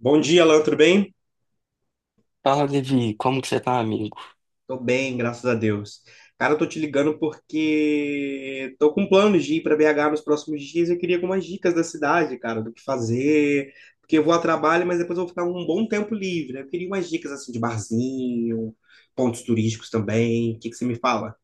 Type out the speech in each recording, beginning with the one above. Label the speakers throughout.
Speaker 1: Bom dia, Alan, tudo bem?
Speaker 2: Fala, Levi, como que você tá, amigo?
Speaker 1: Tô bem, graças a Deus. Cara, eu tô te ligando porque tô com planos de ir para BH nos próximos dias e eu queria algumas dicas da cidade, cara, do que fazer, porque eu vou a trabalho, mas depois eu vou ficar um bom tempo livre, né? Eu queria umas dicas assim de barzinho, pontos turísticos também. O que que você me fala?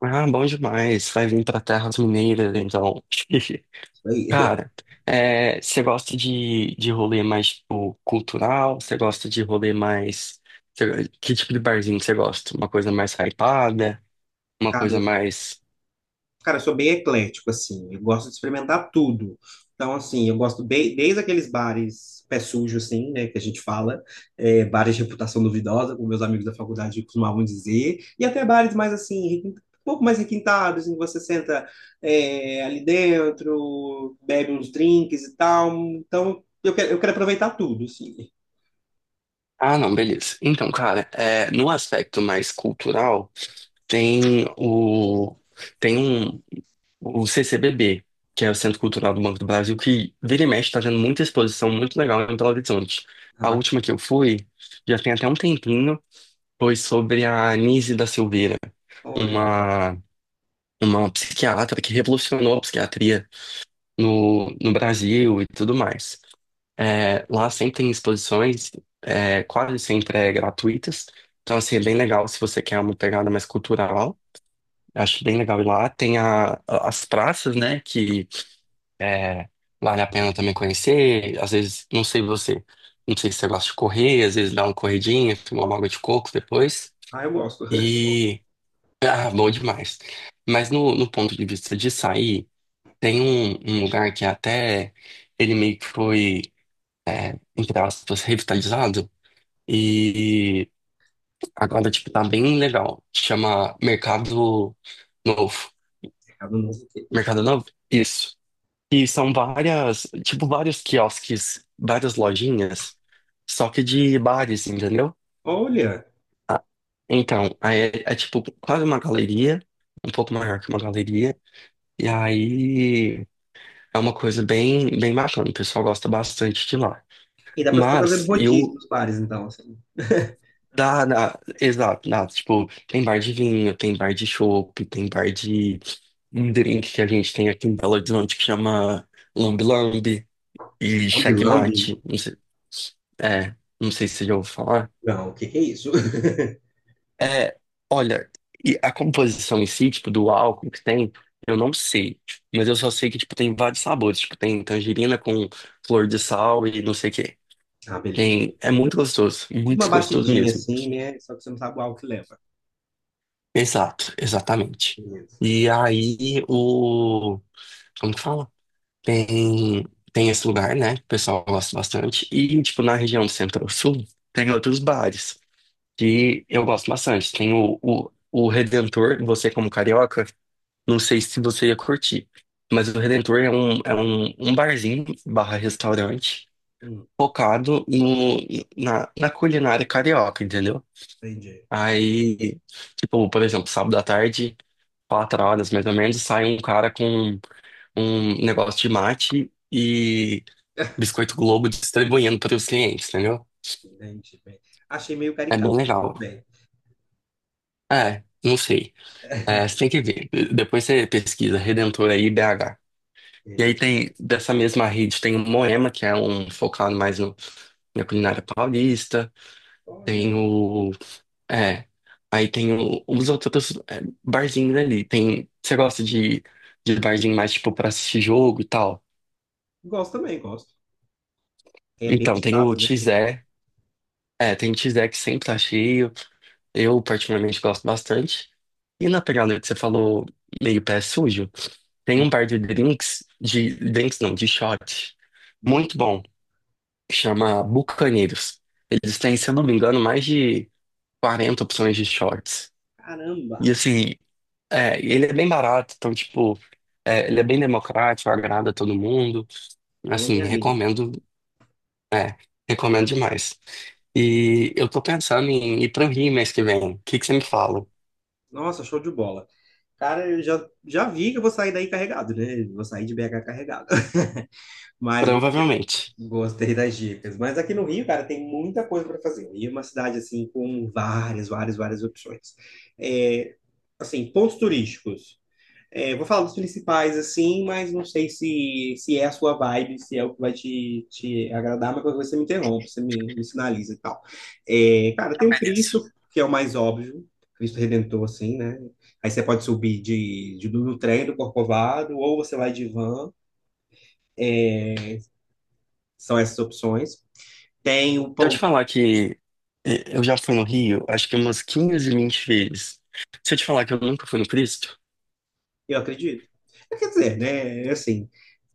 Speaker 2: Ah, bom demais. Vai vir pra Terras Mineiras, então.
Speaker 1: Isso aí.
Speaker 2: Cara, é, você gosta de rolê mais, tipo, cultural? Você gosta de rolê mais. Que tipo de barzinho que você gosta? Uma coisa mais hypada? Uma coisa mais.
Speaker 1: Cara, eu sou bem eclético, assim. Eu gosto de experimentar tudo. Então, assim, eu gosto bem, desde aqueles bares pé sujo, assim, né, que a gente fala, bares de reputação duvidosa, como meus amigos da faculdade costumavam dizer, e até bares mais, assim, um pouco mais requintados, em que você senta ali dentro, bebe uns drinks e tal. Então, eu quero aproveitar tudo, assim.
Speaker 2: Ah, não, beleza. Então, cara, é, no aspecto mais cultural, tem o... Tem um. O CCBB, que é o Centro Cultural do Banco do Brasil, que vira e mexe está tendo muita exposição muito legal em Belo Horizonte.
Speaker 1: Ah,
Speaker 2: A
Speaker 1: bacana.
Speaker 2: última que eu fui, já tem até um tempinho, foi sobre a Anísia da Silveira,
Speaker 1: Olha,
Speaker 2: uma, uma psiquiatra que revolucionou a psiquiatria no Brasil e tudo mais. É, lá sempre tem exposições, é, quase sempre é gratuitas, então assim, é bem legal se você quer uma pegada mais cultural. Acho bem legal ir lá. Tem as praças, né, que é, vale a pena também conhecer. Às vezes, não sei você, não sei se você gosta de correr, às vezes dá uma corridinha, tomar uma água de coco depois.
Speaker 1: ah, eu gosto.
Speaker 2: E. Ah, bom demais. Mas no ponto de vista de sair, tem um lugar que até ele meio que foi, entre aspas, revitalizado. E agora, tipo, tá bem legal. Chama Mercado Novo.
Speaker 1: Mercado Novo Queijo.
Speaker 2: Mercado Novo? Isso. E são várias, tipo, vários quiosques, várias lojinhas, só que de bares, entendeu?
Speaker 1: Olha,
Speaker 2: Ah, então, aí é tipo quase uma galeria, um pouco maior que uma galeria, e aí é uma coisa bem, bem bacana, o pessoal gosta bastante de lá.
Speaker 1: e dá pra ficar fazendo
Speaker 2: Mas
Speaker 1: rodízio
Speaker 2: eu,
Speaker 1: nos bares, então, assim.
Speaker 2: exato, da, tipo, tem bar de vinho, tem bar de chopp, tem bar de um drink que a gente tem aqui em Belo Horizonte que chama Lambi Lambi e
Speaker 1: Lambe.
Speaker 2: Checkmate. É, não sei se você já ouviu falar.
Speaker 1: Não, o que que é isso?
Speaker 2: É, olha, e a composição em si, tipo, do álcool que tem, eu não sei, tipo. Mas eu só sei que, tipo, tem vários sabores. Tipo, tem tangerina com flor de sal e não sei o quê.
Speaker 1: Ah, beleza.
Speaker 2: Tem, é
Speaker 1: Tipo uma
Speaker 2: muito gostoso
Speaker 1: batidinha
Speaker 2: mesmo.
Speaker 1: assim, né? Só que você não sabe o álcool que leva.
Speaker 2: Exato, exatamente.
Speaker 1: Beleza.
Speaker 2: E aí, como que fala? Tem, tem esse lugar, né, que o pessoal gosta bastante. E, tipo, na região do Centro-Sul, tem outros bares que eu gosto bastante. Tem o Redentor. Você, como carioca, não sei se você ia curtir, mas o Redentor é um barzinho barra restaurante
Speaker 1: Hum,
Speaker 2: focado no, na culinária carioca, entendeu?
Speaker 1: entendi.
Speaker 2: Aí, tipo, por exemplo, sábado à tarde, 4 horas mais ou menos, sai um cara com um negócio de mate e biscoito Globo distribuindo para os clientes, entendeu?
Speaker 1: Entendi, bem. Achei meio
Speaker 2: É
Speaker 1: caricato,
Speaker 2: bem
Speaker 1: mas
Speaker 2: legal.
Speaker 1: tudo bem,
Speaker 2: É, não sei. É, você tem que ver. Depois você pesquisa Redentor aí, BH. E aí
Speaker 1: beleza.
Speaker 2: tem, dessa mesma rede, tem o Moema, que é um focado mais no, na culinária paulista.
Speaker 1: Olha,
Speaker 2: Tem o... É. Aí tem os outros, é, barzinhos ali. Você gosta de barzinho mais, tipo, pra assistir jogo e tal?
Speaker 1: gosto também, gosto. É bem
Speaker 2: Então, tem o
Speaker 1: ditado, né? Link?
Speaker 2: Tizé. É, tem o Tizé que sempre tá cheio. Eu, particularmente, gosto bastante. E na pegada que você falou, meio pé sujo, tem
Speaker 1: Sim.
Speaker 2: um par de drinks não, de shot,
Speaker 1: Hum.
Speaker 2: muito bom, que chama Bucaneiros. Eles têm, se eu não me engano, mais de 40 opções de shots. E
Speaker 1: Caramba,
Speaker 2: assim, é, ele é bem barato, então, tipo, é, ele é bem democrático, agrada a todo mundo.
Speaker 1: falou
Speaker 2: Assim,
Speaker 1: minha língua, então.
Speaker 2: recomendo, recomendo demais. E eu tô pensando em ir pro Rio mês que vem. O que que você me fala?
Speaker 1: Nossa, show de bola. Cara, já vi que eu vou sair daí carregado, né? Eu vou sair de BH carregado. Mas
Speaker 2: Provavelmente.
Speaker 1: gostei das dicas. Mas aqui no Rio, cara, tem muita coisa para fazer. O Rio é uma cidade, assim, com várias, várias opções. É, assim, pontos turísticos. É, vou falar dos principais, assim, mas não sei se é a sua vibe, se é o que vai te agradar, mas qualquer coisa você me interrompe, me sinaliza e tal. É, cara, tem o Cristo, que é o mais óbvio, Cristo Redentor, assim, né? Aí você pode subir do trem do Corcovado, ou você vai de van, são essas opções. Tem o...
Speaker 2: Se eu te falar que eu já fui no Rio, acho que umas 15 20 vezes. Se eu te falar que eu nunca fui no Cristo?
Speaker 1: Eu acredito. É, quer dizer, né? É assim,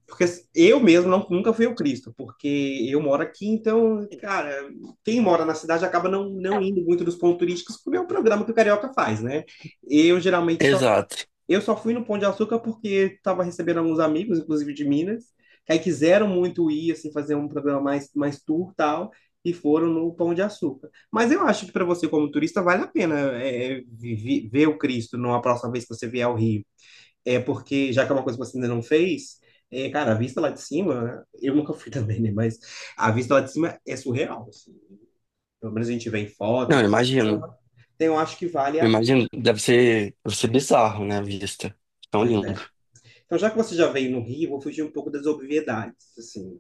Speaker 1: porque eu mesmo nunca fui ao Cristo, porque eu moro aqui, então, cara, quem mora na cidade acaba não indo muito nos pontos turísticos, porque é um programa que o carioca faz, né? Eu geralmente só,
Speaker 2: Exato.
Speaker 1: eu só fui no Pão de Açúcar porque estava recebendo alguns amigos, inclusive de Minas, que aí quiseram muito ir, assim, fazer um programa mais, mais tour tal, e foram no Pão de Açúcar. Mas eu acho que para você, como turista, vale a pena ver o Cristo numa próxima vez que você vier ao Rio. É porque, já que é uma coisa que você ainda não fez, é, cara, a vista lá de cima, né? Eu nunca fui também, né? Mas a vista lá de cima é surreal, assim. Pelo menos a gente vê em
Speaker 2: Não,
Speaker 1: foto.
Speaker 2: eu imagino.
Speaker 1: Então, eu acho que vale
Speaker 2: Eu
Speaker 1: a.
Speaker 2: imagino. Deve ser bizarro, né, a vista. Tão
Speaker 1: Pois é.
Speaker 2: lindo.
Speaker 1: Então, já que você já veio no Rio, eu vou fugir um pouco das obviedades, assim.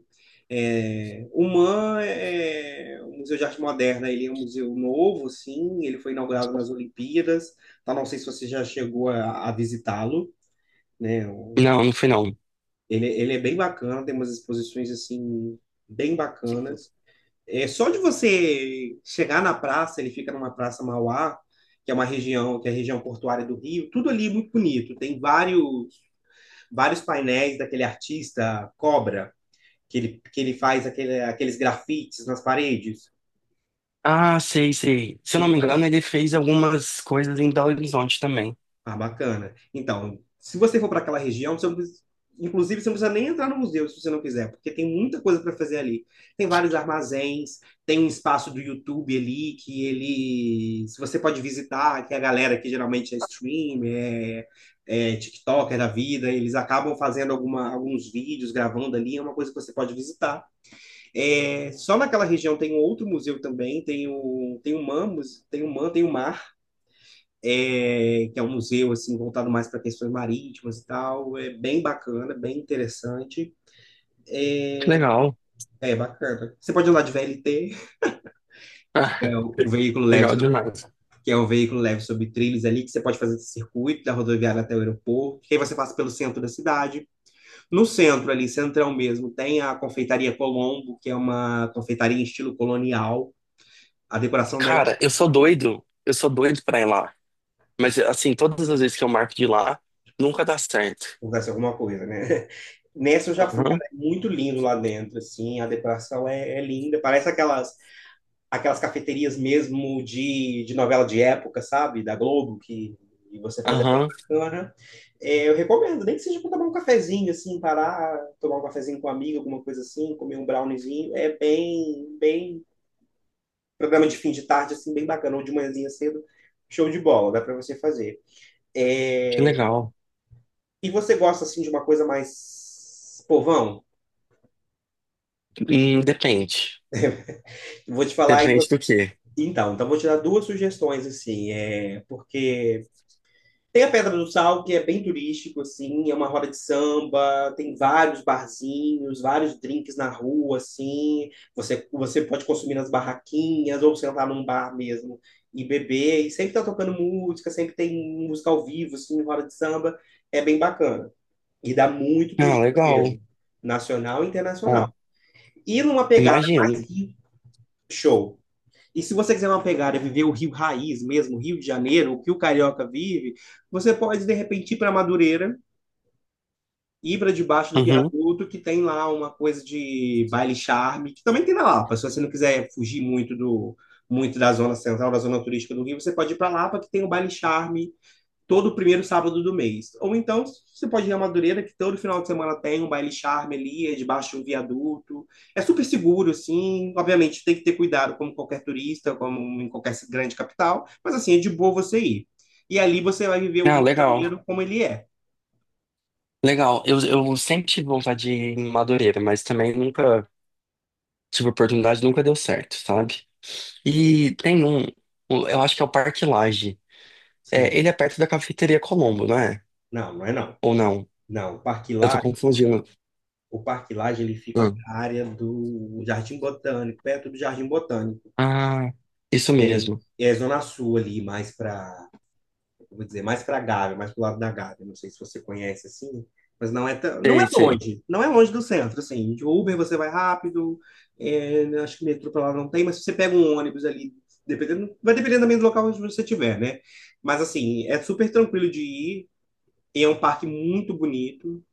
Speaker 1: É, o MAM é o Museu de Arte Moderna, ele é um museu novo, sim, ele foi inaugurado nas Olimpíadas, então não sei se você já chegou a visitá-lo, né?
Speaker 2: Não, não fui não.
Speaker 1: Ele é bem bacana, tem umas exposições assim bem bacanas. É só de você chegar na praça, ele fica numa praça Mauá, que é uma região, que é a região portuária do Rio, tudo ali é muito bonito. Tem vários painéis daquele artista Cobra, que ele faz aquele, aqueles grafites nas paredes.
Speaker 2: Ah, sei, sei. Se eu não me engano, ele fez algumas coisas em Belo Horizonte também.
Speaker 1: Ah, bacana. Então, se você for para aquela região, você não precisa- inclusive você não precisa nem entrar no museu se você não quiser, porque tem muita coisa para fazer ali. Tem vários armazéns, tem um espaço do YouTube ali que ele, se você pode visitar, que a galera que geralmente é stream, é TikToker da vida, eles acabam fazendo alguma, alguns vídeos, gravando ali, é uma coisa que você pode visitar. É, só naquela região tem um outro museu também, tem o MAM, tem o man, tem o MAR, é, que é um museu assim voltado mais para questões marítimas e tal. É bem bacana, bem interessante.
Speaker 2: Que legal.
Speaker 1: É bacana. Você pode ir lá de VLT, que é o veículo
Speaker 2: Legal demais.
Speaker 1: que é o veículo leve sobre trilhos ali, que você pode fazer esse circuito da rodoviária até o aeroporto. E aí você passa pelo centro da cidade. No centro ali, centrão mesmo, tem a Confeitaria Colombo, que é uma confeitaria em estilo colonial. A decoração dela
Speaker 2: Cara, eu sou doido. Eu sou doido pra ir lá. Mas, assim, todas as vezes que eu marco de ir lá, nunca dá certo.
Speaker 1: acontece alguma coisa, né? Nessa eu já fui, cara,
Speaker 2: Aham,
Speaker 1: é muito lindo lá dentro, assim, a decoração é linda, parece aquelas aquelas cafeterias mesmo de novela de época, sabe? Da Globo, que você faz é bem
Speaker 2: aham.
Speaker 1: bacana. É, eu recomendo, nem que seja para tomar um cafezinho, assim, parar, tomar um cafezinho com um amigo, alguma coisa assim, comer um browniezinho. É bem, bem. Programa de fim de tarde, assim, bem bacana, ou de manhãzinha cedo. Show de bola, dá para você fazer.
Speaker 2: Que
Speaker 1: É.
Speaker 2: legal.
Speaker 1: E você gosta, assim, de uma coisa mais povão?
Speaker 2: Depende.
Speaker 1: Vou te falar. E
Speaker 2: Depende
Speaker 1: você...
Speaker 2: do quê?
Speaker 1: Então, então vou te dar duas sugestões, assim, é... porque tem a Pedra do Sal, que é bem turístico, assim, é uma roda de samba, tem vários barzinhos, vários drinks na rua, assim. Você pode consumir nas barraquinhas ou sentar num bar mesmo e beber. E sempre tá tocando música, sempre tem música ao vivo, assim, roda de samba. É bem bacana. E dá muito
Speaker 2: Ah,
Speaker 1: turista
Speaker 2: legal.
Speaker 1: mesmo, nacional e internacional.
Speaker 2: Ah,
Speaker 1: E numa pegada
Speaker 2: imagino.
Speaker 1: mais hippie, show. E se você quiser uma pegada, viver o Rio Raiz mesmo, Rio de Janeiro, o que o carioca vive, você pode, de repente, ir para Madureira, ir para debaixo do
Speaker 2: Uhum.
Speaker 1: viaduto, que tem lá uma coisa de baile charme, que também tem na Lapa. Se você não quiser fugir muito da zona central, da zona turística do Rio, você pode ir para Lapa, que tem o baile charme, todo primeiro sábado do mês. Ou então, você pode ir a Madureira, que todo final de semana tem um baile charme ali, é debaixo de um viaduto. É super seguro, assim. Obviamente, tem que ter cuidado, como qualquer turista, como em qualquer grande capital. Mas, assim, é de boa você ir. E ali você vai viver o
Speaker 2: Ah,
Speaker 1: Rio de
Speaker 2: legal.
Speaker 1: Janeiro como ele é.
Speaker 2: Legal. Eu sempre tive vontade de ir em Madureira, mas também nunca tive oportunidade, nunca deu certo, sabe? E tem um, eu acho que é o Parque Lage. É,
Speaker 1: Sim.
Speaker 2: ele é perto da Cafeteria Colombo, não é?
Speaker 1: Não, não é não.
Speaker 2: Ou não?
Speaker 1: Não,
Speaker 2: Eu tô confundindo.
Speaker 1: O Parque Lage, ele fica
Speaker 2: Ah,
Speaker 1: para a área do Jardim Botânico, perto do Jardim Botânico.
Speaker 2: Ah, isso
Speaker 1: É,
Speaker 2: mesmo.
Speaker 1: é Zona Sul ali, mais para eu vou dizer, mais para a Gávea, mais para o lado da Gávea. Não sei se você conhece assim, mas não é tão,
Speaker 2: Sei, sei.
Speaker 1: não é longe do centro, assim. De Uber você vai rápido, é, acho que metrô para lá não tem, mas se você pega um ônibus ali, dependendo, vai dependendo também do local onde você estiver, né? Mas assim, é super tranquilo de ir, e é um parque muito bonito.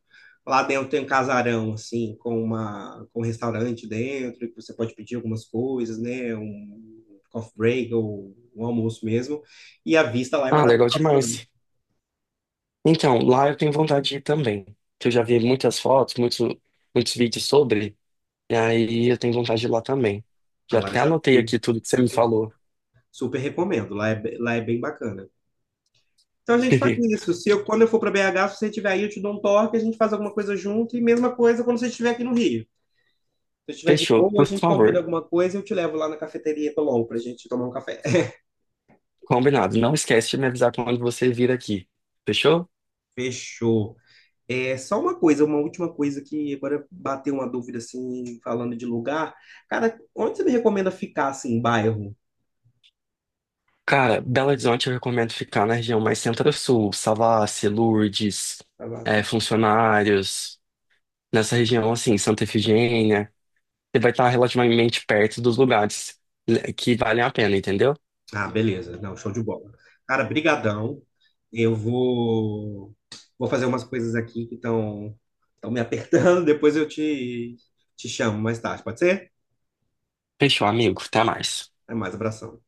Speaker 1: Lá dentro tem um casarão, assim, com, uma, com um restaurante dentro, que você pode pedir algumas coisas, né? Um coffee break ou um almoço mesmo. E a vista lá é
Speaker 2: Ah, legal
Speaker 1: maravilhosa também.
Speaker 2: demais. Então, lá eu tenho vontade de ir também. Que eu já vi muitas fotos, muitos, muitos vídeos sobre. E aí eu tenho vontade de ir lá também.
Speaker 1: Ah,
Speaker 2: Já
Speaker 1: lá eu
Speaker 2: até
Speaker 1: já
Speaker 2: anotei
Speaker 1: fui.
Speaker 2: aqui tudo que você me falou.
Speaker 1: Super recomendo. Lá é, lá é bem bacana. Então a gente faz isso. Se eu, quando eu for para BH, se você estiver aí, eu te dou um toque, a gente faz alguma coisa junto. E mesma coisa quando você estiver aqui no Rio. Se eu estiver de
Speaker 2: Fechou.
Speaker 1: boa, a
Speaker 2: Por
Speaker 1: gente combina
Speaker 2: favor,
Speaker 1: alguma coisa e eu te levo lá na cafeteria Tolol pra gente tomar um café.
Speaker 2: combinado. Não esquece de me avisar quando você vir aqui. Fechou?
Speaker 1: Fechou. É só uma coisa, uma última coisa que agora bateu uma dúvida assim, falando de lugar. Cara, onde você me recomenda ficar assim, em bairro?
Speaker 2: Cara, Belo Horizonte eu recomendo ficar na região mais centro-sul, Savassi, Lourdes,
Speaker 1: Pra lá?
Speaker 2: Funcionários, nessa região assim, Santa Efigênia. Você vai estar relativamente perto dos lugares, né, que valem a pena, entendeu?
Speaker 1: Ah, beleza. Não, show de bola. Cara, brigadão. Eu vou vou fazer umas coisas aqui que estão me apertando. Depois eu te te chamo mais tarde, pode ser?
Speaker 2: Fechou, amigo. Até mais.
Speaker 1: Até mais, abração.